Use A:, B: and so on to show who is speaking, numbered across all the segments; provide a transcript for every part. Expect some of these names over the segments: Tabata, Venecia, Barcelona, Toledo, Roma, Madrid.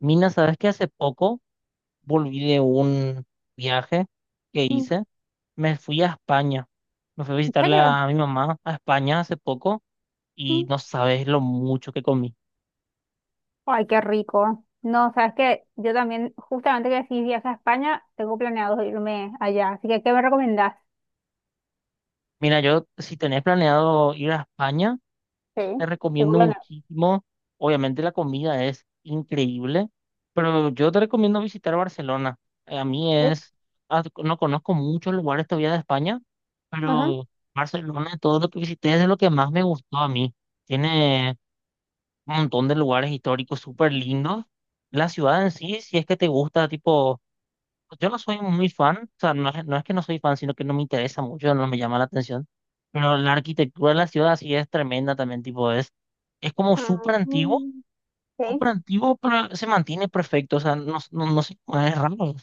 A: Mina, ¿sabes que hace poco volví de un viaje que
B: Mm,
A: hice? Me fui a España. Me fui a
B: ¿en
A: visitar
B: serio?
A: a mi mamá a España hace poco y
B: Mm.
A: no sabes lo mucho que comí.
B: Ay, qué rico. No, sabes que yo también, justamente que decís viaje a España, tengo planeado irme allá. Así que, ¿qué me recomendás?
A: Mira, yo, si tenés planeado ir a España, te
B: Sí, tengo
A: recomiendo
B: planeado.
A: muchísimo. Obviamente la comida es increíble, pero yo te recomiendo visitar Barcelona. A mí
B: Sí.
A: es, ah, No conozco muchos lugares todavía de España,
B: Ajá.
A: pero Barcelona, todo lo que visité es de lo que más me gustó a mí. Tiene un montón de lugares históricos súper lindos. La ciudad en sí, si es que te gusta, tipo, pues, yo no soy muy fan, o sea, no es que no soy fan, sino que no me interesa mucho, no me llama la atención. Pero la arquitectura de la ciudad sí es tremenda también, tipo, es como
B: Ah, mm, sí.
A: súper antiguo, pero se mantiene perfecto, o sea, no, no, no sé, es raro.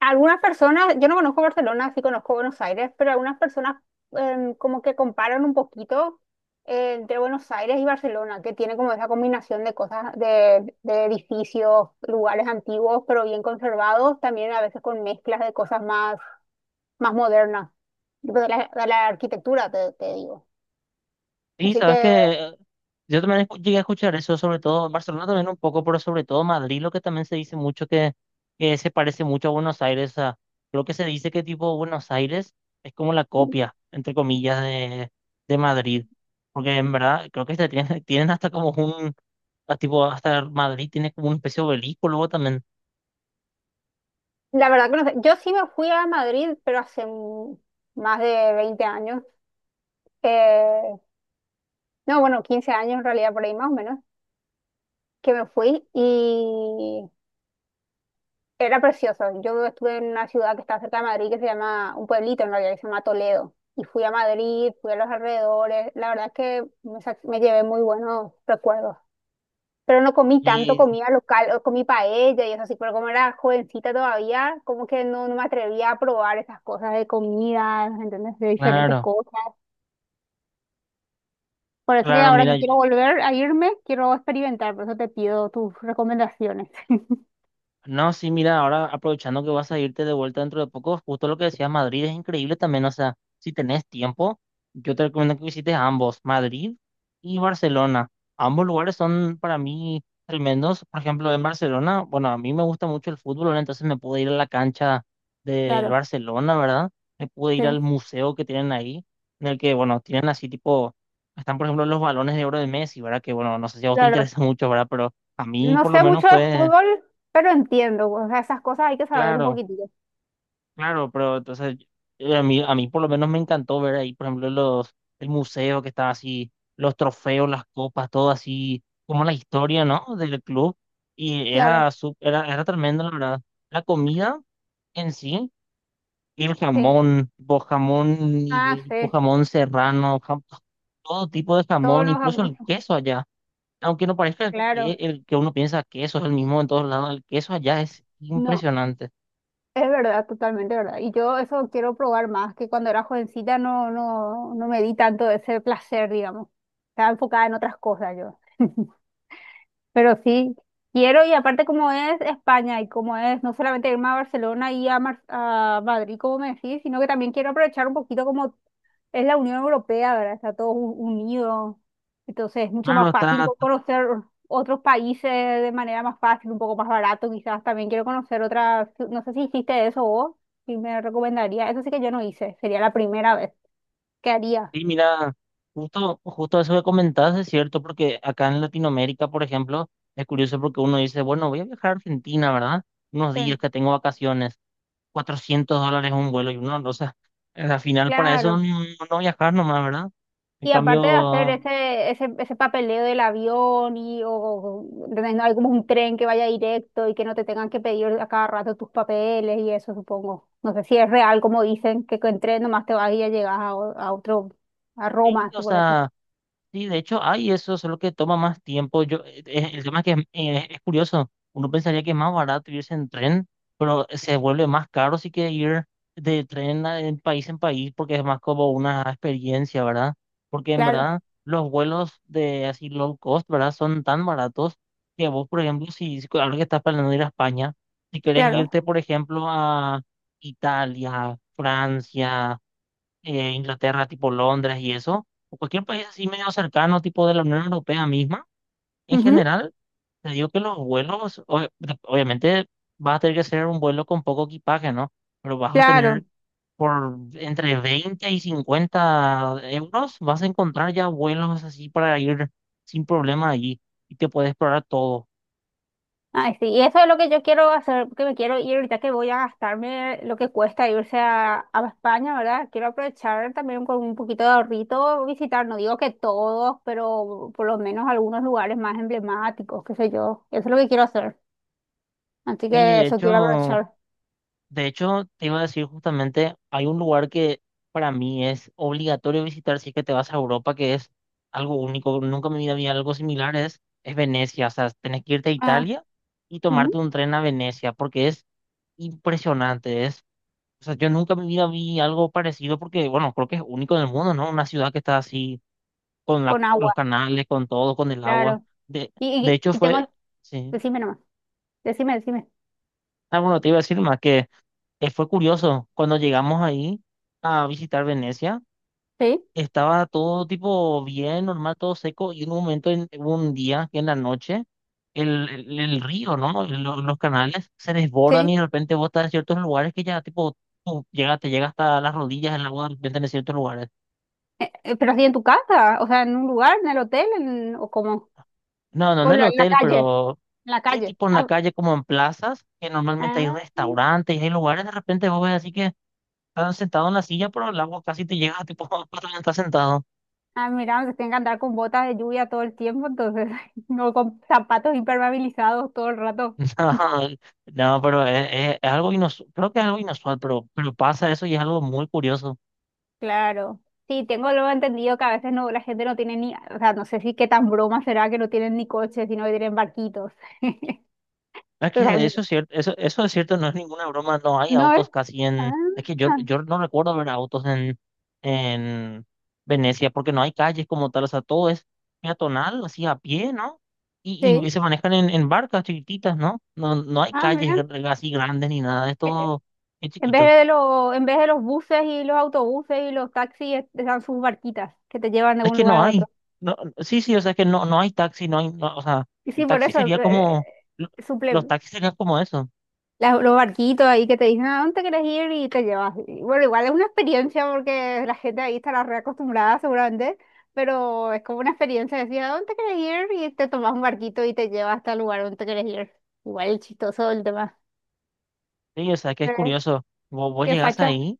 B: Algunas personas, yo no conozco Barcelona, sí conozco Buenos Aires, pero algunas personas como que comparan un poquito entre Buenos Aires y Barcelona, que tiene como esa combinación de cosas, de edificios, lugares antiguos, pero bien conservados, también a veces con mezclas de cosas más moderna, tipo de la arquitectura, te digo.
A: Sí,
B: Así
A: sabes
B: que
A: que yo también llegué a escuchar eso, sobre todo en Barcelona también un poco, pero sobre todo Madrid, lo que también se dice mucho que se parece mucho a Buenos Aires. O sea, creo que se dice que tipo Buenos Aires es como la copia, entre comillas, de Madrid. Porque en verdad creo que se tienen, tienen hasta como un, a tipo, hasta Madrid tiene como un especie de obelisco luego también.
B: la verdad que no sé. Yo sí me fui a Madrid, pero más de 20 años. Eh, no, bueno, 15 años en realidad, por ahí más o menos, que me fui y era precioso. Yo estuve en una ciudad que está cerca de Madrid que se llama, un pueblito en realidad que se llama Toledo. Y fui a Madrid, fui a los alrededores. La verdad es que me llevé muy buenos recuerdos. Pero no comí tanto
A: Y
B: comida local, o comí paella y eso así, pero como era jovencita todavía, como que no me atrevía a probar esas cosas de comida, ¿entendés? De diferentes
A: claro,
B: cosas. Por eso que
A: claro,
B: ahora
A: mira,
B: que quiero volver a irme, quiero experimentar, por eso te pido tus recomendaciones.
A: no, sí, mira, ahora aprovechando que vas a irte de vuelta dentro de poco, justo lo que decías, Madrid es increíble también, o sea, si tenés tiempo, yo te recomiendo que visites ambos, Madrid y Barcelona. Ambos lugares son para mí tremendos, por ejemplo, en Barcelona, bueno, a mí me gusta mucho el fútbol, ¿verdad? Entonces me pude ir a la cancha del
B: Claro,
A: Barcelona, ¿verdad? Me pude
B: sí,
A: ir al museo que tienen ahí, en el que, bueno, tienen así tipo, están por ejemplo los balones de oro de Messi, ¿verdad? Que, bueno, no sé si a vos te
B: claro.
A: interesa mucho, ¿verdad? Pero a mí
B: No
A: por lo
B: sé
A: menos
B: mucho de
A: fue,
B: fútbol, pero entiendo, o sea, esas cosas hay que saber un
A: claro.
B: poquitito.
A: Claro, pero entonces a mí por lo menos me encantó ver ahí, por ejemplo, los, el museo que estaba así, los trofeos, las copas, todo así, como la historia, ¿no? Del club. Y era,
B: Claro,
A: sup- era, era tremendo, la verdad. La comida en sí, y el
B: sí.
A: jamón, tipo jamón
B: Ah,
A: ibérico,
B: sí,
A: jamón serrano, todo tipo de
B: todos
A: jamón,
B: los...
A: incluso el
B: am-
A: queso allá. Aunque no parezca, que,
B: Claro,
A: el, que uno piensa que eso es el mismo en todos lados, el queso allá es
B: no.
A: impresionante.
B: Es verdad, totalmente verdad. Y yo eso quiero probar más, que cuando era jovencita no me di tanto ese placer, digamos. Estaba enfocada en otras cosas yo. Pero sí, quiero y aparte como es España y como es no solamente irme a Barcelona y a, Mar- a Madrid, como me decís, sino que también quiero aprovechar un poquito como es la Unión Europea, ¿verdad? Está todo u- unido. Entonces es mucho
A: Claro,
B: más fácil
A: está
B: co- conocer otros países de manera más fácil, un poco más barato quizás. También quiero conocer otras, no sé si hiciste eso vos, si me recomendaría. Eso sí que yo no hice, sería la primera vez que haría.
A: Sí, mira, justo eso que comentabas es cierto, porque acá en Latinoamérica, por ejemplo, es curioso porque uno dice, bueno, voy a viajar a Argentina, ¿verdad? Unos días
B: Sí,
A: que tengo vacaciones, $400 un vuelo y uno, o sea, al final para eso
B: claro.
A: no, no viajar nomás, ¿verdad? En
B: Y aparte de hacer
A: cambio,
B: ese, ese papeleo del avión y ¿entendés? No hay como un tren que vaya directo y que no te tengan que pedir a cada rato tus papeles y eso, supongo. No sé si es real como dicen que con tren nomás te vas y ya llegas a, o- a otro, a
A: sí,
B: Roma,
A: o
B: suponete.
A: sea. Sí, de hecho, hay eso, solo que toma más tiempo. Yo, el tema es que es curioso. Uno pensaría que es más barato irse en tren, pero se vuelve más caro si que ir de tren en país, porque es más como una experiencia, ¿verdad? Porque en
B: Claro,
A: verdad los vuelos de así low cost, ¿verdad? Son tan baratos que vos, por ejemplo, si ahora que estás planeando ir a España, si querés
B: claro.
A: irte, por ejemplo, a Italia, Francia, Inglaterra, tipo Londres y eso, o cualquier país así medio cercano, tipo de la Unión Europea misma, en
B: Ujú,
A: general, te digo que los vuelos, obviamente vas a tener que hacer un vuelo con poco equipaje, ¿no? Pero vas a tener
B: claro.
A: por entre 20 y 50 euros, vas a encontrar ya vuelos así para ir sin problema allí y te puedes explorar todo.
B: Ay, sí, y eso es lo que yo quiero hacer, que me quiero ir ahorita que voy a gastarme lo que cuesta irse a España, ¿verdad? Quiero aprovechar también con un poquito de ahorrito visitar, no digo que todos, pero por lo menos algunos lugares más emblemáticos, qué sé yo. Eso es lo que quiero hacer. Así
A: Y
B: que
A: de
B: eso quiero
A: hecho,
B: aprovechar.
A: De hecho, te iba a decir justamente, hay un lugar que para mí es obligatorio visitar si es que te vas a Europa, que es algo único. Nunca en mi vida había algo similar, es Venecia. O sea, tenés que irte a
B: Ah,
A: Italia y tomarte
B: ujú,
A: un tren a Venecia, porque es impresionante. Es, o sea, yo nunca en mi vida vi algo parecido, porque, bueno, creo que es único en el mundo, ¿no? Una ciudad que está así, con
B: con agua,
A: los canales, con todo, con el agua.
B: claro.
A: De, de
B: Y,
A: hecho,
B: y, y tengo,
A: fue, sí.
B: decime nomás, decime.
A: Ah, bueno, te iba a decir más que. Fue curioso, cuando llegamos ahí a visitar Venecia,
B: Sí,
A: estaba todo tipo bien, normal, todo seco, y en un momento, hubo un día, que en la noche, el río, ¿no? Los canales se desbordan y
B: sí.
A: de repente vos estás en ciertos lugares que ya tipo, te llega hasta las rodillas el agua de repente en ciertos lugares.
B: Pero así en tu casa, o sea, en un lugar, en el hotel, o como,
A: No, no en
B: o
A: el
B: la, en la
A: hotel,
B: calle,
A: pero
B: en la
A: sí,
B: calle.
A: tipo en la calle, como en plazas, que normalmente hay
B: Ah,
A: restaurantes y hay lugares, de repente vos ves así que estás sentado en la silla, pero el agua casi te llega, tipo, cuando estás sentado.
B: ah, mira, se tienen que andar con botas de lluvia todo el tiempo, entonces, no, con zapatos impermeabilizados todo el rato.
A: No, no, pero es algo inusual, creo que es algo inusual, pero pasa eso y es algo muy curioso.
B: Claro. Sí, tengo luego entendido que a veces no, la gente no tiene ni, o sea, no sé si qué tan broma será que no tienen ni coches, sino que tienen barquitos.
A: Es
B: O
A: que
B: sea,
A: eso es cierto, eso es cierto, no es ninguna broma, no hay
B: no es.
A: autos casi
B: Ah,
A: es que yo no recuerdo ver autos en Venecia, porque no hay calles como tal, o sea, todo es peatonal, así a pie, ¿no? Y
B: sí.
A: se manejan en barcas chiquititas, ¿no? No, no hay
B: Ah,
A: calles
B: mira.
A: así grandes ni nada, es
B: Eh, eh,
A: todo es
B: En vez
A: chiquito.
B: de los, en vez de los buses y los autobuses y los taxis, es- están sus barquitas que te llevan de
A: Es
B: un
A: que
B: lugar
A: no
B: a
A: hay.
B: otro.
A: No, sí, sí, o sea, es que no, no hay taxi, no hay, no, o sea,
B: Y
A: el
B: sí, por
A: taxi
B: eso,
A: sería como, lo- los
B: suple-
A: taxis serían como eso.
B: las- los barquitos ahí que te dicen a dónde quieres ir y te llevas. Y bueno, igual es una experiencia porque la gente ahí estará reacostumbrada seguramente, pero es como una experiencia de decir a dónde quieres ir y te tomas un barquito y te lleva hasta el lugar donde quieres ir. Igual es chistoso el tema.
A: Sí, o sea, que es
B: Eh,
A: curioso. Vos, vos
B: ¿Qué
A: llegás
B: facha?
A: ahí,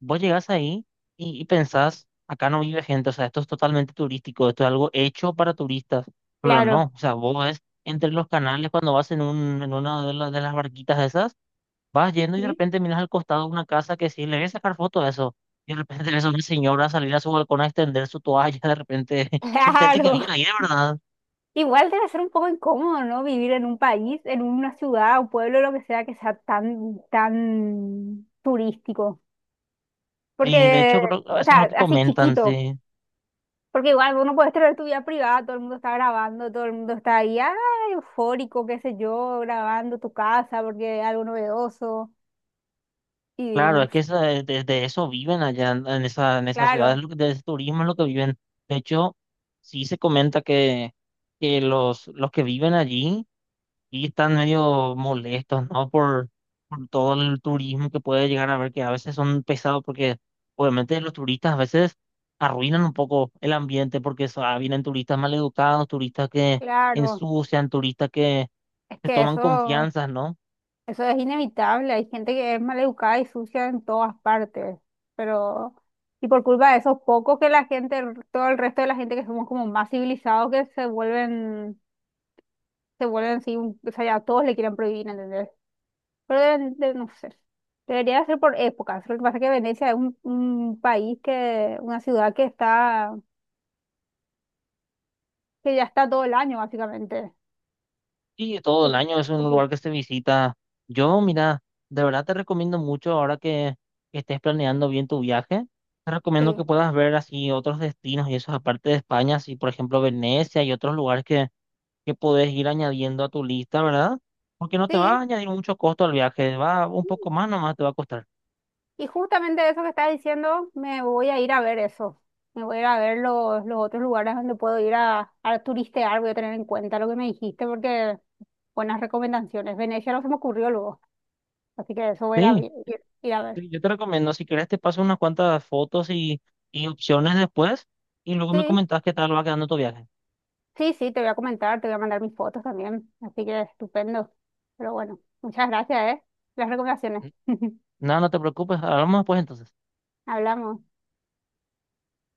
A: vos llegás ahí y pensás, acá no vive gente, o sea, esto es totalmente turístico, esto es algo hecho para turistas, pero
B: Claro.
A: no, o sea, vos ves entre los canales cuando vas en una de las barquitas esas. Vas yendo y de
B: Sí.
A: repente miras al costado una casa que sí, le voy a sacar foto a eso. Y de repente ves a una señora salir a su balcón a extender su toalla, de repente son gente que
B: Claro.
A: viene ahí de verdad.
B: Igual debe ser un poco incómodo, ¿no? Vivir en un país, en una ciudad, un pueblo, lo que sea tan, tan turístico.
A: Y de
B: Porque,
A: hecho creo que
B: o
A: eso es lo
B: sea,
A: que
B: así
A: comentan,
B: chiquito.
A: sí.
B: Porque igual uno puede tener tu vida privada, todo el mundo está grabando, todo el mundo está ahí, ah, eufórico, qué sé yo, grabando tu casa porque es algo novedoso y
A: Claro,
B: no
A: es que
B: sé.
A: de eso viven allá en esa ciudad,
B: Claro,
A: de ese turismo es lo que viven. De hecho, sí se comenta que los que viven allí y están medio molestos, ¿no? Por todo el turismo que puede llegar a haber, que a veces son pesados porque obviamente los turistas a veces arruinan un poco el ambiente porque vienen turistas maleducados, turistas que
B: claro.
A: ensucian, turistas que
B: Es
A: se
B: que
A: toman
B: eso,
A: confianzas, ¿no?
B: eso es inevitable. Hay gente que es maleducada y sucia en todas partes. Pero, y por culpa de eso, poco que la gente, todo el resto de la gente que somos como más civilizados que se vuelven así, un- o sea, ya todos le quieren prohibir, ¿entendés? Pero deben de- no sé. Debería ser por épocas. Lo que pasa es que Venecia es un país que, una ciudad que está, que ya está todo el año, básicamente.
A: Y todo el año es un lugar que se visita. Yo, mira, de verdad te recomiendo mucho ahora que estés planeando bien tu viaje. Te recomiendo
B: Sí,
A: que puedas ver así otros destinos y eso aparte de España, así por ejemplo Venecia y otros lugares que podés ir añadiendo a tu lista, ¿verdad? Porque no te
B: sí.
A: va a añadir mucho costo al viaje, va un poco más nomás te va a costar.
B: Y justamente eso que estás diciendo, me voy a ir a ver eso. Me voy a ir a ver los otros lugares donde puedo ir a turistear. Voy a tener en cuenta lo que me dijiste porque buenas recomendaciones. Venecia no se me ocurrió luego. Así que eso voy a ir a,
A: Sí,
B: vi- ir a ver.
A: sí, yo te recomiendo, si querés te paso unas cuantas fotos y opciones después y luego me
B: Sí.
A: comentás qué tal va quedando tu viaje.
B: Sí, sí, te voy a comentar, te voy a mandar mis fotos también, así que estupendo. Pero bueno, muchas gracias, ¿eh? Las recomendaciones.
A: Nada, no te preocupes, hablamos después entonces.
B: Hablamos.